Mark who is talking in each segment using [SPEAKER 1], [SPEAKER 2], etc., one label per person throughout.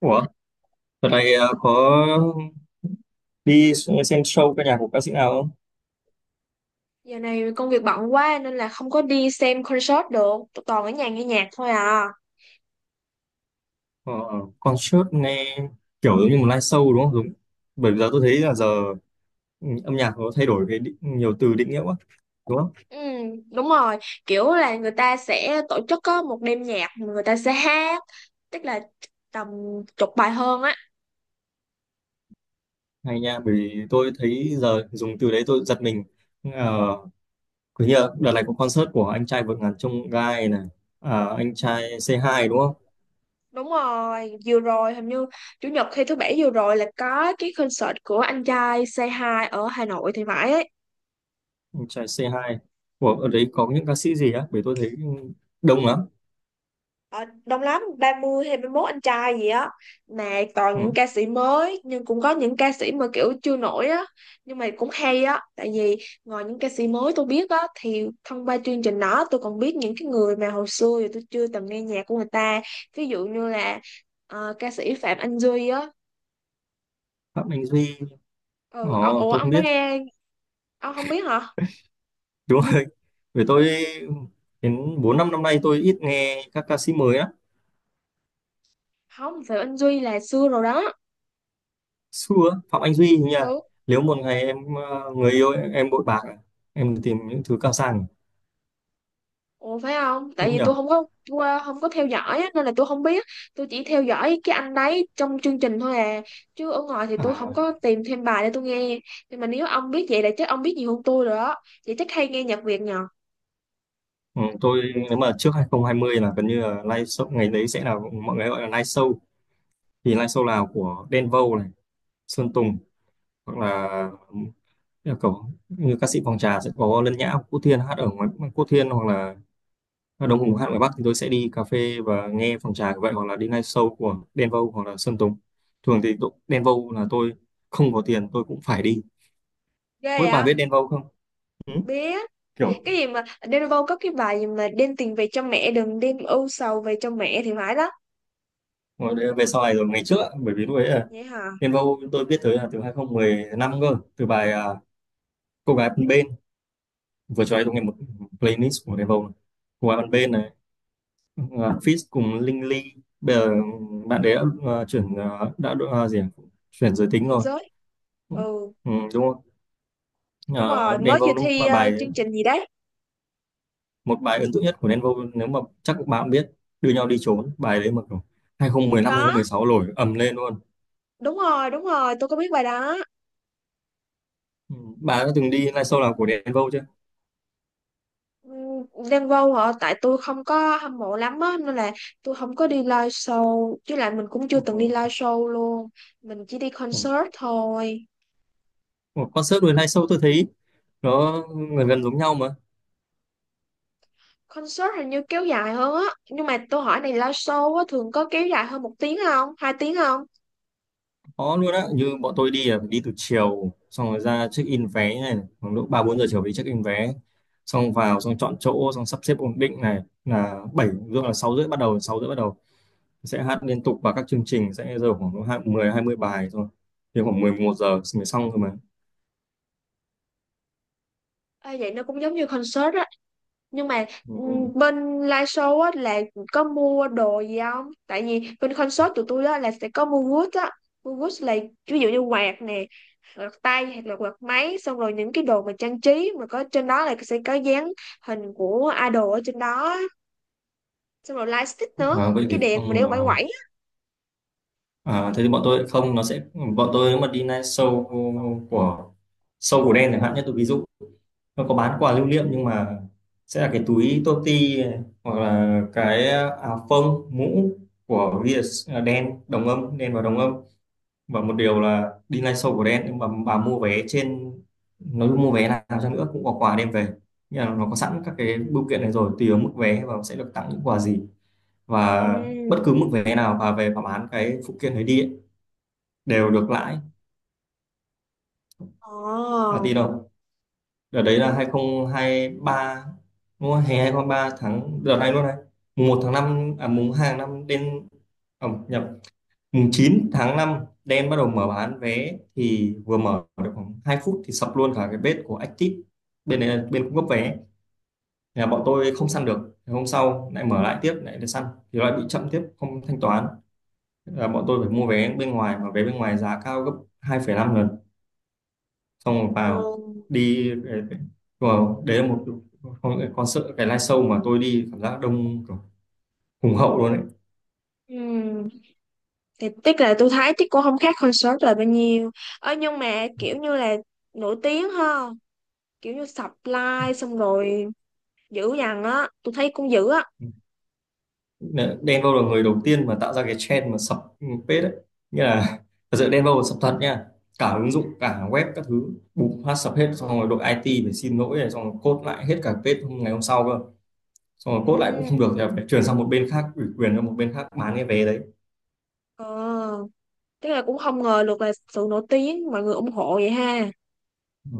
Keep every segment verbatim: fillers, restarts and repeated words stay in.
[SPEAKER 1] Ủa, đợt này ờ, có đi xem show ca nhạc của ca sĩ nào không?
[SPEAKER 2] Giờ này công việc bận quá nên là không có đi xem concert được. Tụi toàn ở nhà nghe nhạc thôi à.
[SPEAKER 1] Ờ, concert nghe kiểu giống như một live show đúng không? Đúng. Bởi vì giờ tôi thấy là giờ ừ, âm nhạc nó thay đổi cái định, nhiều từ định nghĩa quá, đúng không?
[SPEAKER 2] Ừ, đúng rồi, kiểu là người ta sẽ tổ chức có một đêm nhạc, mà người ta sẽ hát, tức là tầm chục bài hơn á.
[SPEAKER 1] Hay nha, bởi vì tôi thấy giờ dùng từ đấy tôi giật mình. Ờ, cứ như là đợt này có concert của anh trai vượt ngàn chông gai này, à, anh trai c hai đúng không?
[SPEAKER 2] Đúng rồi, vừa rồi hình như chủ nhật hay thứ bảy vừa rồi là có cái concert của anh trai Say Hi ở Hà Nội thì phải ấy.
[SPEAKER 1] Anh trai c hai. Ủa, ở đấy có những ca sĩ gì á? Bởi tôi thấy đông lắm.
[SPEAKER 2] Ờ, đông lắm, ba mươi hay ba mốt anh trai gì á, mà toàn
[SPEAKER 1] Ừ.
[SPEAKER 2] những ca sĩ mới, nhưng cũng có những ca sĩ mà kiểu chưa nổi á, nhưng mà cũng hay á, tại vì ngoài những ca sĩ mới tôi biết á thì thông qua chương trình đó tôi còn biết những cái người mà hồi xưa thì tôi chưa từng nghe nhạc của người ta, ví dụ như là ờ, ca sĩ Phạm Anh Duy á.
[SPEAKER 1] Phạm Anh Duy.
[SPEAKER 2] Ừ, ồ,
[SPEAKER 1] Ồ,
[SPEAKER 2] ủa,
[SPEAKER 1] tôi không
[SPEAKER 2] ông đã
[SPEAKER 1] biết.
[SPEAKER 2] nghe? Ông không biết hả?
[SPEAKER 1] Đúng rồi. Vì tôi đến bốn năm năm nay tôi ít nghe các ca sĩ mới á.
[SPEAKER 2] Không, Phạm Anh Duy là xưa rồi đó.
[SPEAKER 1] Xưa Phạm Anh Duy hình như là
[SPEAKER 2] Ừ.
[SPEAKER 1] nếu một ngày em ờ, người yêu em bội bạc à, em tìm những thứ cao sang,
[SPEAKER 2] Ủa, phải không? Tại
[SPEAKER 1] đúng
[SPEAKER 2] vì
[SPEAKER 1] nhỉ?
[SPEAKER 2] tôi không có qua- không có theo dõi á, nên là tôi không biết. Tôi chỉ theo dõi cái anh đấy trong chương trình thôi à. Chứ ở ngoài thì tôi không
[SPEAKER 1] À
[SPEAKER 2] có tìm thêm bài để tôi nghe. Nhưng mà nếu ông biết vậy là chắc ông biết nhiều hơn tôi rồi đó. Vậy chắc hay nghe nhạc Việt nhờ.
[SPEAKER 1] ừ, tôi nếu mà trước hai không hai không là gần như là live show, ngày đấy sẽ là mọi người gọi là live show thì live show là của Đen Vâu này, Sơn Tùng, hoặc là ừ, kiểu như ca sĩ Phòng Trà sẽ có Lân Nhã, Quốc Thiên hát ở ngoài, Quốc Thiên hoặc là ở Đông Hùng hát ngoài Bắc thì tôi sẽ đi cà phê và nghe phòng trà như vậy, hoặc là đi ngay show của Đen Vâu hoặc là Sơn Tùng. Thường thì tụ- Đen Vâu là tôi không có tiền tôi cũng phải đi.
[SPEAKER 2] Ghê
[SPEAKER 1] Mỗi bà
[SPEAKER 2] vậy?
[SPEAKER 1] biết Đen Vâu không? Ừ?
[SPEAKER 2] Biết.
[SPEAKER 1] Kiểu
[SPEAKER 2] Cái gì mà Đen Vâu có cái bài gì mà đem tiền về cho mẹ, đừng đem ưu sầu về cho mẹ thì phải đó.
[SPEAKER 1] ngồi đây- về sau này rồi ngày trước ạ, bởi vì lúc ấy là
[SPEAKER 2] Vậy hả?
[SPEAKER 1] Đen Vâu tôi biết tới là từ hai không một năm cơ, từ bài à, Cô gái bên bên vừa cho ấy tôi nghe một playlist của Đen Vâu này. Cô gái bên bên này, uh, Fizz cùng Linh Ly, bây giờ ừ, bạn đấy đã à, chuyển à, đã à, gì ạ? Chuyển giới tính
[SPEAKER 2] Chuyên
[SPEAKER 1] rồi.
[SPEAKER 2] giới. Ừ,
[SPEAKER 1] Ừ, đúng rồi.
[SPEAKER 2] đúng
[SPEAKER 1] Ờ,
[SPEAKER 2] rồi,
[SPEAKER 1] Đen
[SPEAKER 2] mới vừa
[SPEAKER 1] Vâu đúng
[SPEAKER 2] thi
[SPEAKER 1] là
[SPEAKER 2] ờ,
[SPEAKER 1] bài
[SPEAKER 2] chương trình gì đấy.
[SPEAKER 1] một bài ấn tượng nhất của Đen Vâu, nếu mà chắc các bạn biết đưa nhau đi trốn, bài đấy mà kiểu hai không một năm
[SPEAKER 2] Có,
[SPEAKER 1] hai không một sáu nổi ầm lên luôn.
[SPEAKER 2] đúng rồi, đúng rồi, tôi có biết bài đó.
[SPEAKER 1] Ừ. Bà đã từng đi live show nào của Đen Vâu chưa?
[SPEAKER 2] Ừm, Đen Vâu hả? Tại tôi không có hâm mộ lắm á nên là tôi không có đi live show, chứ lại mình cũng chưa từng đi
[SPEAKER 1] Ừ.
[SPEAKER 2] live show luôn, mình chỉ đi
[SPEAKER 1] Ừ.
[SPEAKER 2] concert thôi.
[SPEAKER 1] Một concert với live show tôi thấy nó gần gần giống nhau mà
[SPEAKER 2] Concert hình như kéo dài hơn á, nhưng mà tôi hỏi này, live show á thường có kéo dài hơn một tiếng không, hai tiếng không?
[SPEAKER 1] khó luôn á, như bọn tôi đi là phải đi từ chiều xong rồi ra check in vé này khoảng độ ba bốn giờ chiều đi check in vé, xong vào xong chọn chỗ xong sắp xếp ổn định này, là bảy rưỡi là sáu rưỡi bắt đầu, sáu rưỡi bắt đầu sẽ hát liên tục và các chương trình sẽ giờ khoảng hai- mười hai mươi bài thôi, thì khoảng mười một giờ mới xong thôi mà.
[SPEAKER 2] Ê, vậy nó cũng giống như concert á, nhưng mà
[SPEAKER 1] Ừ.
[SPEAKER 2] ừm, bên live show á là có mua đồ gì không? Tại vì bên concert tụi tôi á là sẽ có mua goods á. Mua goods là ví dụ như quạt nè, quạt tay, hoặc là quạt máy, xong rồi những cái đồ mà trang trí mà có trên đó là sẽ có dán hình của idol ở trên đó á. Xong rồi light stick nữa,
[SPEAKER 1] À, vậy
[SPEAKER 2] cái
[SPEAKER 1] thì
[SPEAKER 2] đèn mà
[SPEAKER 1] không
[SPEAKER 2] để quẩy quẩy á.
[SPEAKER 1] ờ, à, thế thì bọn tôi không, nó sẽ bọn tôi nếu mà đi night show của show của đen chẳng hạn, nhất tôi ví dụ nó có bán quà lưu niệm nhưng mà sẽ là cái túi toti này, hoặc là cái áo phông mũ của vi ét đen đồng âm, đen và đồng âm. Và một điều là đi live show của Đen nhưng mà bà mua vé trên, nói chung mua vé nào cho nữa cũng có quà đem về, nhưng mà nó có sẵn các cái bưu kiện này rồi tùy vào mức vé và sẽ được tặng những quà gì, và bất
[SPEAKER 2] Ừm.
[SPEAKER 1] cứ mức vé nào bà về bà bán cái phụ kiện đấy đi ấy, đều được lãi. Bà tin
[SPEAKER 2] Ồ.
[SPEAKER 1] đâu, đợt đấy là hai không hai ba đúng không? Hè hai không hai ba tháng đợt này luôn này, mùng một tháng năm à mùng hai tháng năm, đến à, nhầm, mùng chín tháng năm đen bắt đầu mở bán vé, thì vừa mở được khoảng hai phút thì sập luôn cả cái bếp của Active, bên đấy là bên cung cấp vé. Thế là bọn tôi không săn được. Thế hôm sau lại mở lại tiếp lại để săn thì lại bị chậm tiếp không thanh toán, là bọn tôi phải mua vé bên ngoài mà vé bên ngoài giá cao gấp hai phẩy năm lần, xong rồi vào,
[SPEAKER 2] Ừ.
[SPEAKER 1] đi vào đấy là một con, con sợ cái live show mà tôi đi cảm giác đông kiểu hùng hậu luôn đấy.
[SPEAKER 2] Ừm, thì tiếc là tôi thấy chắc cũng không khác concert là bao nhiêu. Ơ, nhưng mà kiểu như là nổi tiếng ha, kiểu như supply, xong rồi dữ dằn á, tôi thấy cũng dữ á.
[SPEAKER 1] Đ- Denver là người đầu tiên mà tạo ra cái trend mà sập page đấy, nghĩa là thật sự Denver là sập thật nha, cả ứng dụng cả web các thứ bùng phát sập hết, xong rồi đội i tê phải xin lỗi này xong rồi code lại hết cả page ngày hôm sau cơ, xong rồi code lại cũng không
[SPEAKER 2] Ừ.
[SPEAKER 1] được thì phải chuyển sang một bên khác, ủy quyền cho một bên khác bán cái vé đấy.
[SPEAKER 2] ờ Tức là cũng không ngờ được là sự nổi tiếng mọi người ủng hộ vậy ha.
[SPEAKER 1] Ừ.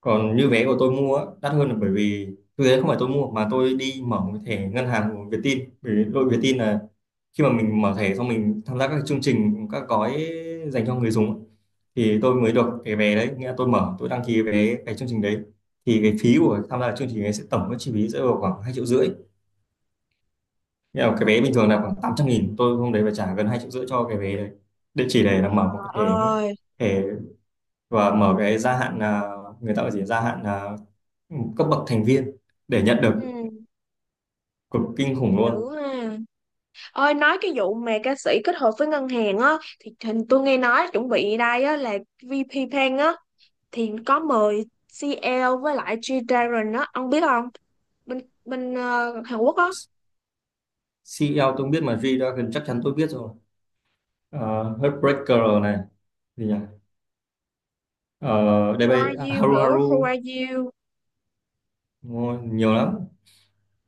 [SPEAKER 1] Còn như vé của tôi mua á, đắt hơn là bởi vì thực tế không phải tôi mua mà tôi đi mở một cái thẻ ngân hàng của Vietin, bởi vì đội Vietin là khi mà mình mở thẻ xong mình tham gia các cái chương trình, các gói dành cho người dùng á, thì tôi mới được cái vé đấy, nghĩa là tôi mở tôi đăng ký cái vé cái chương trình đấy thì cái phí của tham gia chương trình ấy sẽ tổng cái chi phí sẽ vào khoảng hai triệu rưỡi, nghĩa là cái vé bình thường là khoảng tám trăm nghìn, tôi hôm đấy phải trả gần hai triệu rưỡi cho cái vé đấy để chỉ để là
[SPEAKER 2] Ờ.
[SPEAKER 1] mở một cái thẻ
[SPEAKER 2] Ơi.
[SPEAKER 1] nữa, và mở cái gia hạn à, người ta gọi gì, gia hạn à, cấp bậc thành viên để nhận được,
[SPEAKER 2] Ừ,
[SPEAKER 1] cực kinh khủng luôn.
[SPEAKER 2] dữ ha. Ơi, nói cái vụ mà ca sĩ kết hợp với ngân hàng á, thì hình tôi nghe nói chuẩn bị đây á là vê pê Bank á, thì có mời xê lờ với lại G Dragon á, ông biết không? Bên bên ờ, Hàn Quốc á.
[SPEAKER 1] Xê e xi eo tôi không biết, mà G-Dragon chắc chắn tôi biết rồi. Ờ, Heartbreaker này, gì nhỉ, uh, đây
[SPEAKER 2] Who are
[SPEAKER 1] bây à,
[SPEAKER 2] you
[SPEAKER 1] Haru
[SPEAKER 2] nữa, Who
[SPEAKER 1] Haru.
[SPEAKER 2] are you.
[SPEAKER 1] Ôi, nhiều lắm,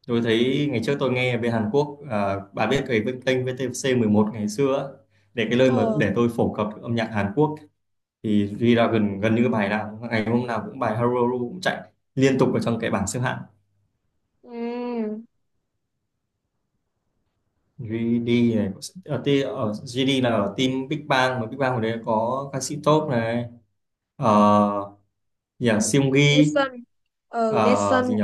[SPEAKER 1] tôi thấy ngày trước tôi nghe về Hàn Quốc à, bà biết cái kênh vê tê xê mười một ngày xưa á, để cái nơi mà
[SPEAKER 2] ờ
[SPEAKER 1] để tôi phổ cập âm nhạc Hàn Quốc thì G-Dragon gần như bài nào ngày hôm nào cũng bài Haru Haru cũng chạy liên tục ở trong cái bảng xếp hạng.
[SPEAKER 2] ừ,
[SPEAKER 1] giê đê này, ở, ti- ở giê đê là ở team Big Bang mà Big Bang hồi đấy có ca sĩ top này, ờ nhỉ, Seunggi,
[SPEAKER 2] Daesun. Ừ,
[SPEAKER 1] ờ
[SPEAKER 2] Daesun.
[SPEAKER 1] gì nhỉ,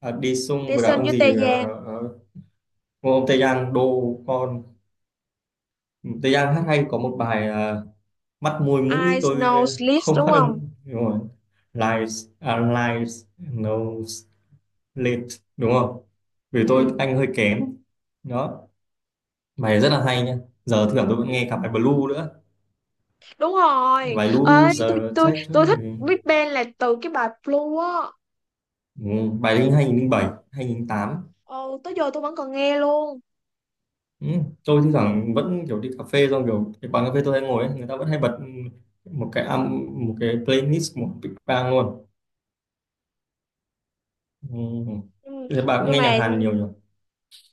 [SPEAKER 1] à, đi sung với cả
[SPEAKER 2] Daesun
[SPEAKER 1] ông
[SPEAKER 2] với
[SPEAKER 1] gì
[SPEAKER 2] Tê
[SPEAKER 1] ờ,
[SPEAKER 2] Giang.
[SPEAKER 1] ờ, ờ, ông Tae Yang đô con. Tae Yang hát hay, có một bài ờ, mắt môi
[SPEAKER 2] I
[SPEAKER 1] mũi tôi
[SPEAKER 2] Snow Sleeps
[SPEAKER 1] không
[SPEAKER 2] đúng
[SPEAKER 1] phát âm
[SPEAKER 2] không?
[SPEAKER 1] đúng rồi, lies à, lies, nose, lips, đúng không? Vì tôi
[SPEAKER 2] Ừ,
[SPEAKER 1] anh hơi kém. Đó, bài rất là hay nha. Giờ thưởng tôi vẫn nghe cả bài Blue nữa,
[SPEAKER 2] đúng rồi.
[SPEAKER 1] bài
[SPEAKER 2] Ơi,
[SPEAKER 1] Loser,
[SPEAKER 2] tôi tôi tôi thích
[SPEAKER 1] Factory.
[SPEAKER 2] Big Bang là từ cái bài Blue á.
[SPEAKER 1] Ừ, bài linh hai không không bảy hai không không tám.
[SPEAKER 2] Ừ, tới giờ tôi vẫn còn nghe luôn.
[SPEAKER 1] Ừ, tôi thi thoảng vẫn kiểu đi cà phê xong kiểu cái quán cà phê tôi hay ngồi ấy, người ta vẫn hay bật một cái âm một cái playlist một big bang luôn. Ừ.
[SPEAKER 2] Ừ,
[SPEAKER 1] Thế bà cũng
[SPEAKER 2] nhưng
[SPEAKER 1] nghe nhạc
[SPEAKER 2] mà
[SPEAKER 1] Hàn nhiều nhỉ?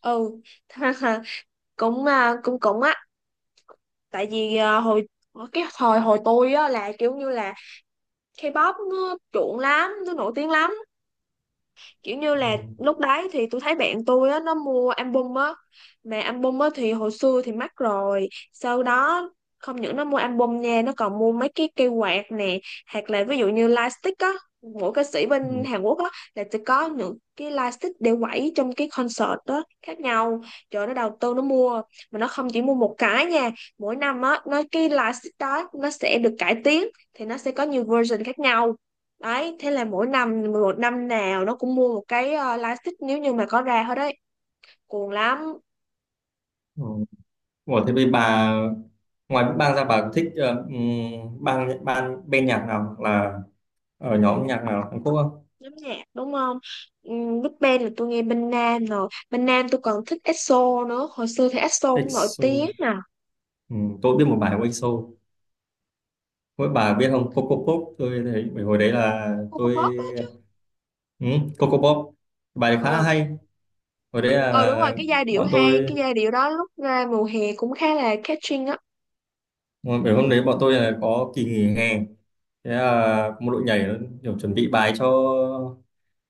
[SPEAKER 2] ừ cũng à, cũng cũng á, tại vì à, hồi cái thời hồi tôi á là kiểu như là K-pop nó chuộng lắm, nó nổi tiếng lắm. Kiểu như là
[SPEAKER 1] Ừ.
[SPEAKER 2] lúc đấy thì tôi thấy bạn tôi á, nó mua album á, mà album á thì hồi xưa thì mắc rồi, sau đó không những nó mua album nha, nó còn mua mấy cái cây quạt nè, hoặc là ví dụ như lightstick á. Mỗi ca sĩ bên
[SPEAKER 1] Ừ.
[SPEAKER 2] Hàn Quốc á là sẽ có những cái lightstick để quẩy trong cái concert đó khác nhau. Trời, nó đầu tư nó mua, mà nó không chỉ mua một cái nha. Mỗi năm á, nó cái lightstick đó nó sẽ được cải tiến, thì nó sẽ có nhiều version khác nhau. Đấy, thế là mỗi năm, một năm nào nó cũng mua một cái ờ, live stick nếu như mà có ra hết đấy. Cuồng lắm,
[SPEAKER 1] Ừ. Ủa, thế bây bà ngoài Big Bang ra bà thích ờ, ừm, bang ban bên nhạc nào hoặc là ở nhóm nhạc nào Hàn Quốc không?
[SPEAKER 2] lắm nhạc đúng không? Um, Big Bang là tôi nghe bên Nam rồi. Bên Nam tôi còn thích EXO nữa. Hồi xưa thì EXO cũng nổi tiếng
[SPEAKER 1] i ích ô.
[SPEAKER 2] nè.
[SPEAKER 1] Ừ, tôi biết một bài của ếc xô. Mỗi bà biết không Coco Pop tôi thấy bởi hồi đấy là
[SPEAKER 2] Cô cũng
[SPEAKER 1] tôi
[SPEAKER 2] đó chứ.
[SPEAKER 1] ừ, Coco Pop, bài đấy khá là
[SPEAKER 2] Ờ.
[SPEAKER 1] hay, hồi đấy
[SPEAKER 2] Ờ, đúng rồi,
[SPEAKER 1] là
[SPEAKER 2] cái giai điệu
[SPEAKER 1] bọn
[SPEAKER 2] hay,
[SPEAKER 1] tôi,
[SPEAKER 2] cái giai điệu đó lúc ra mùa hè cũng khá là catching á.
[SPEAKER 1] bởi hôm đấy bọn tôi là có kỳ nghỉ hè, thế là một đội nhảy nó kiểu chuẩn bị bài cho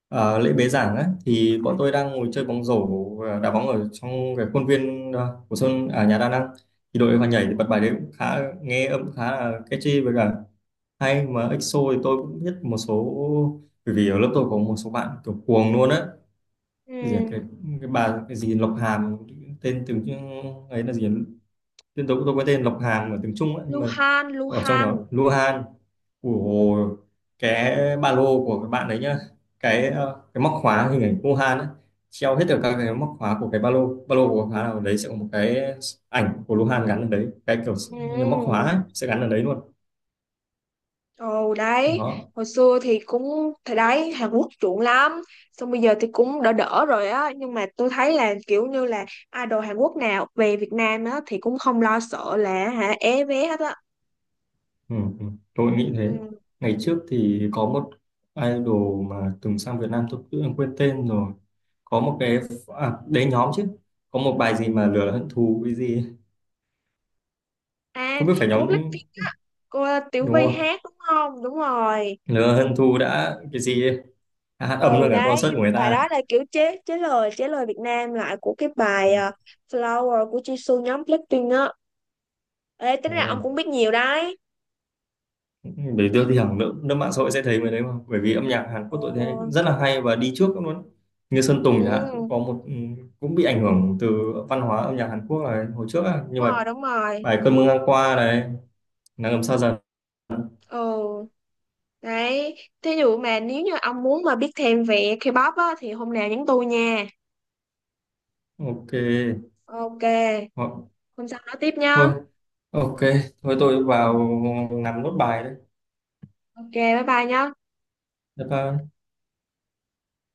[SPEAKER 1] ờ, lễ bế giảng á thì bọn tôi đang ngồi chơi bóng rổ ờ, đá bóng ở trong cái khuôn viên ờ, của sân à, nhà đa năng thì đội vào nhảy thì bật bài đấy cũng khá, nghe âm khá là catchy với cả hay, mà i ích ô thì tôi cũng biết một số bởi vì ở lớp tôi có một số bạn kiểu cuồng luôn á,
[SPEAKER 2] Ừ.
[SPEAKER 1] cái gì à, cái, cái bà cái gì Lộc Hàm, tên tiếng Trung- ấy là gì à? Tên tôi tôi có tên Lộc Hàm ở tiếng Trung á, nhưng mà
[SPEAKER 2] Luhan,
[SPEAKER 1] ở trong đó
[SPEAKER 2] Luhan.
[SPEAKER 1] Luhan của cái ba lô của các bạn đấy nhá, cái ờ, cái móc khóa hình ảnh Luhan á, treo hết được các cái móc khóa của cái ba lô ba lô của khóa nào đấy sẽ có một cái ảnh của Luhan gắn ở đấy cái kiểu như móc khóa
[SPEAKER 2] Ừ.
[SPEAKER 1] ấy, sẽ gắn ở đấy luôn.
[SPEAKER 2] Ồ đấy,
[SPEAKER 1] Đó.
[SPEAKER 2] hồi xưa thì cũng, thì đấy, Hàn Quốc chuộng lắm. Xong bây giờ thì cũng đỡ đỡ rồi á, nhưng mà tôi thấy là kiểu như là idol Hàn Quốc nào về Việt Nam á thì cũng không lo sợ là hả é vé hết á.
[SPEAKER 1] Ừ, ừ. Tôi nghĩ thế.
[SPEAKER 2] Ừ.
[SPEAKER 1] Ngày trước thì có một idol mà từng sang Việt Nam tôi tự nhiên quên tên rồi. Có một cái à, đấy nhóm chứ. Có một bài gì mà lửa hận thù cái gì ấy.
[SPEAKER 2] À,
[SPEAKER 1] Không biết phải
[SPEAKER 2] của
[SPEAKER 1] nhóm
[SPEAKER 2] Blackpink, cô Tiểu
[SPEAKER 1] đúng
[SPEAKER 2] Vy
[SPEAKER 1] không?
[SPEAKER 2] hát đúng không? Đúng rồi.
[SPEAKER 1] Lửa hận thù đã cái gì ấy. À, hát âm
[SPEAKER 2] Ừ
[SPEAKER 1] luôn cả
[SPEAKER 2] đấy,
[SPEAKER 1] concert của người
[SPEAKER 2] bài
[SPEAKER 1] ta.
[SPEAKER 2] đó là kiểu chế chế lời chế lời Việt Nam lại của cái
[SPEAKER 1] Ừ.
[SPEAKER 2] bài ờ, Flower của Jisoo nhóm Blackpink á. Ê, tính ra
[SPEAKER 1] Ồ,
[SPEAKER 2] ông cũng biết nhiều đấy.
[SPEAKER 1] để đưa thì hẳn nước, nước mạng xã hội sẽ thấy người đấy mà. Bởi vì âm nhạc Hàn
[SPEAKER 2] Ừ.
[SPEAKER 1] Quốc tôi thấy rất là hay và đi trước luôn. Như Sơn Tùng chẳng hạn cũng
[SPEAKER 2] Ừ,
[SPEAKER 1] có một ừ, cũng bị ảnh hưởng từ văn hóa âm nhạc Hàn Quốc là hồi trước á.
[SPEAKER 2] đúng
[SPEAKER 1] Nhưng mà
[SPEAKER 2] rồi, đúng rồi.
[SPEAKER 1] bài cơn mưa ngang qua này, nắng ấm xa dần.
[SPEAKER 2] Ồ, đấy. Thí dụ mà nếu như ông muốn mà biết thêm về K-pop á, thì hôm nào nhắn tôi nha.
[SPEAKER 1] Ok.
[SPEAKER 2] Ok,
[SPEAKER 1] Ho-
[SPEAKER 2] hôm sau nói tiếp nhá.
[SPEAKER 1] thôi, ok, thôi tôi vào
[SPEAKER 2] Ừ.
[SPEAKER 1] làm nốt bài đấy.
[SPEAKER 2] Ok, bye bye nhá.
[SPEAKER 1] Bye bye.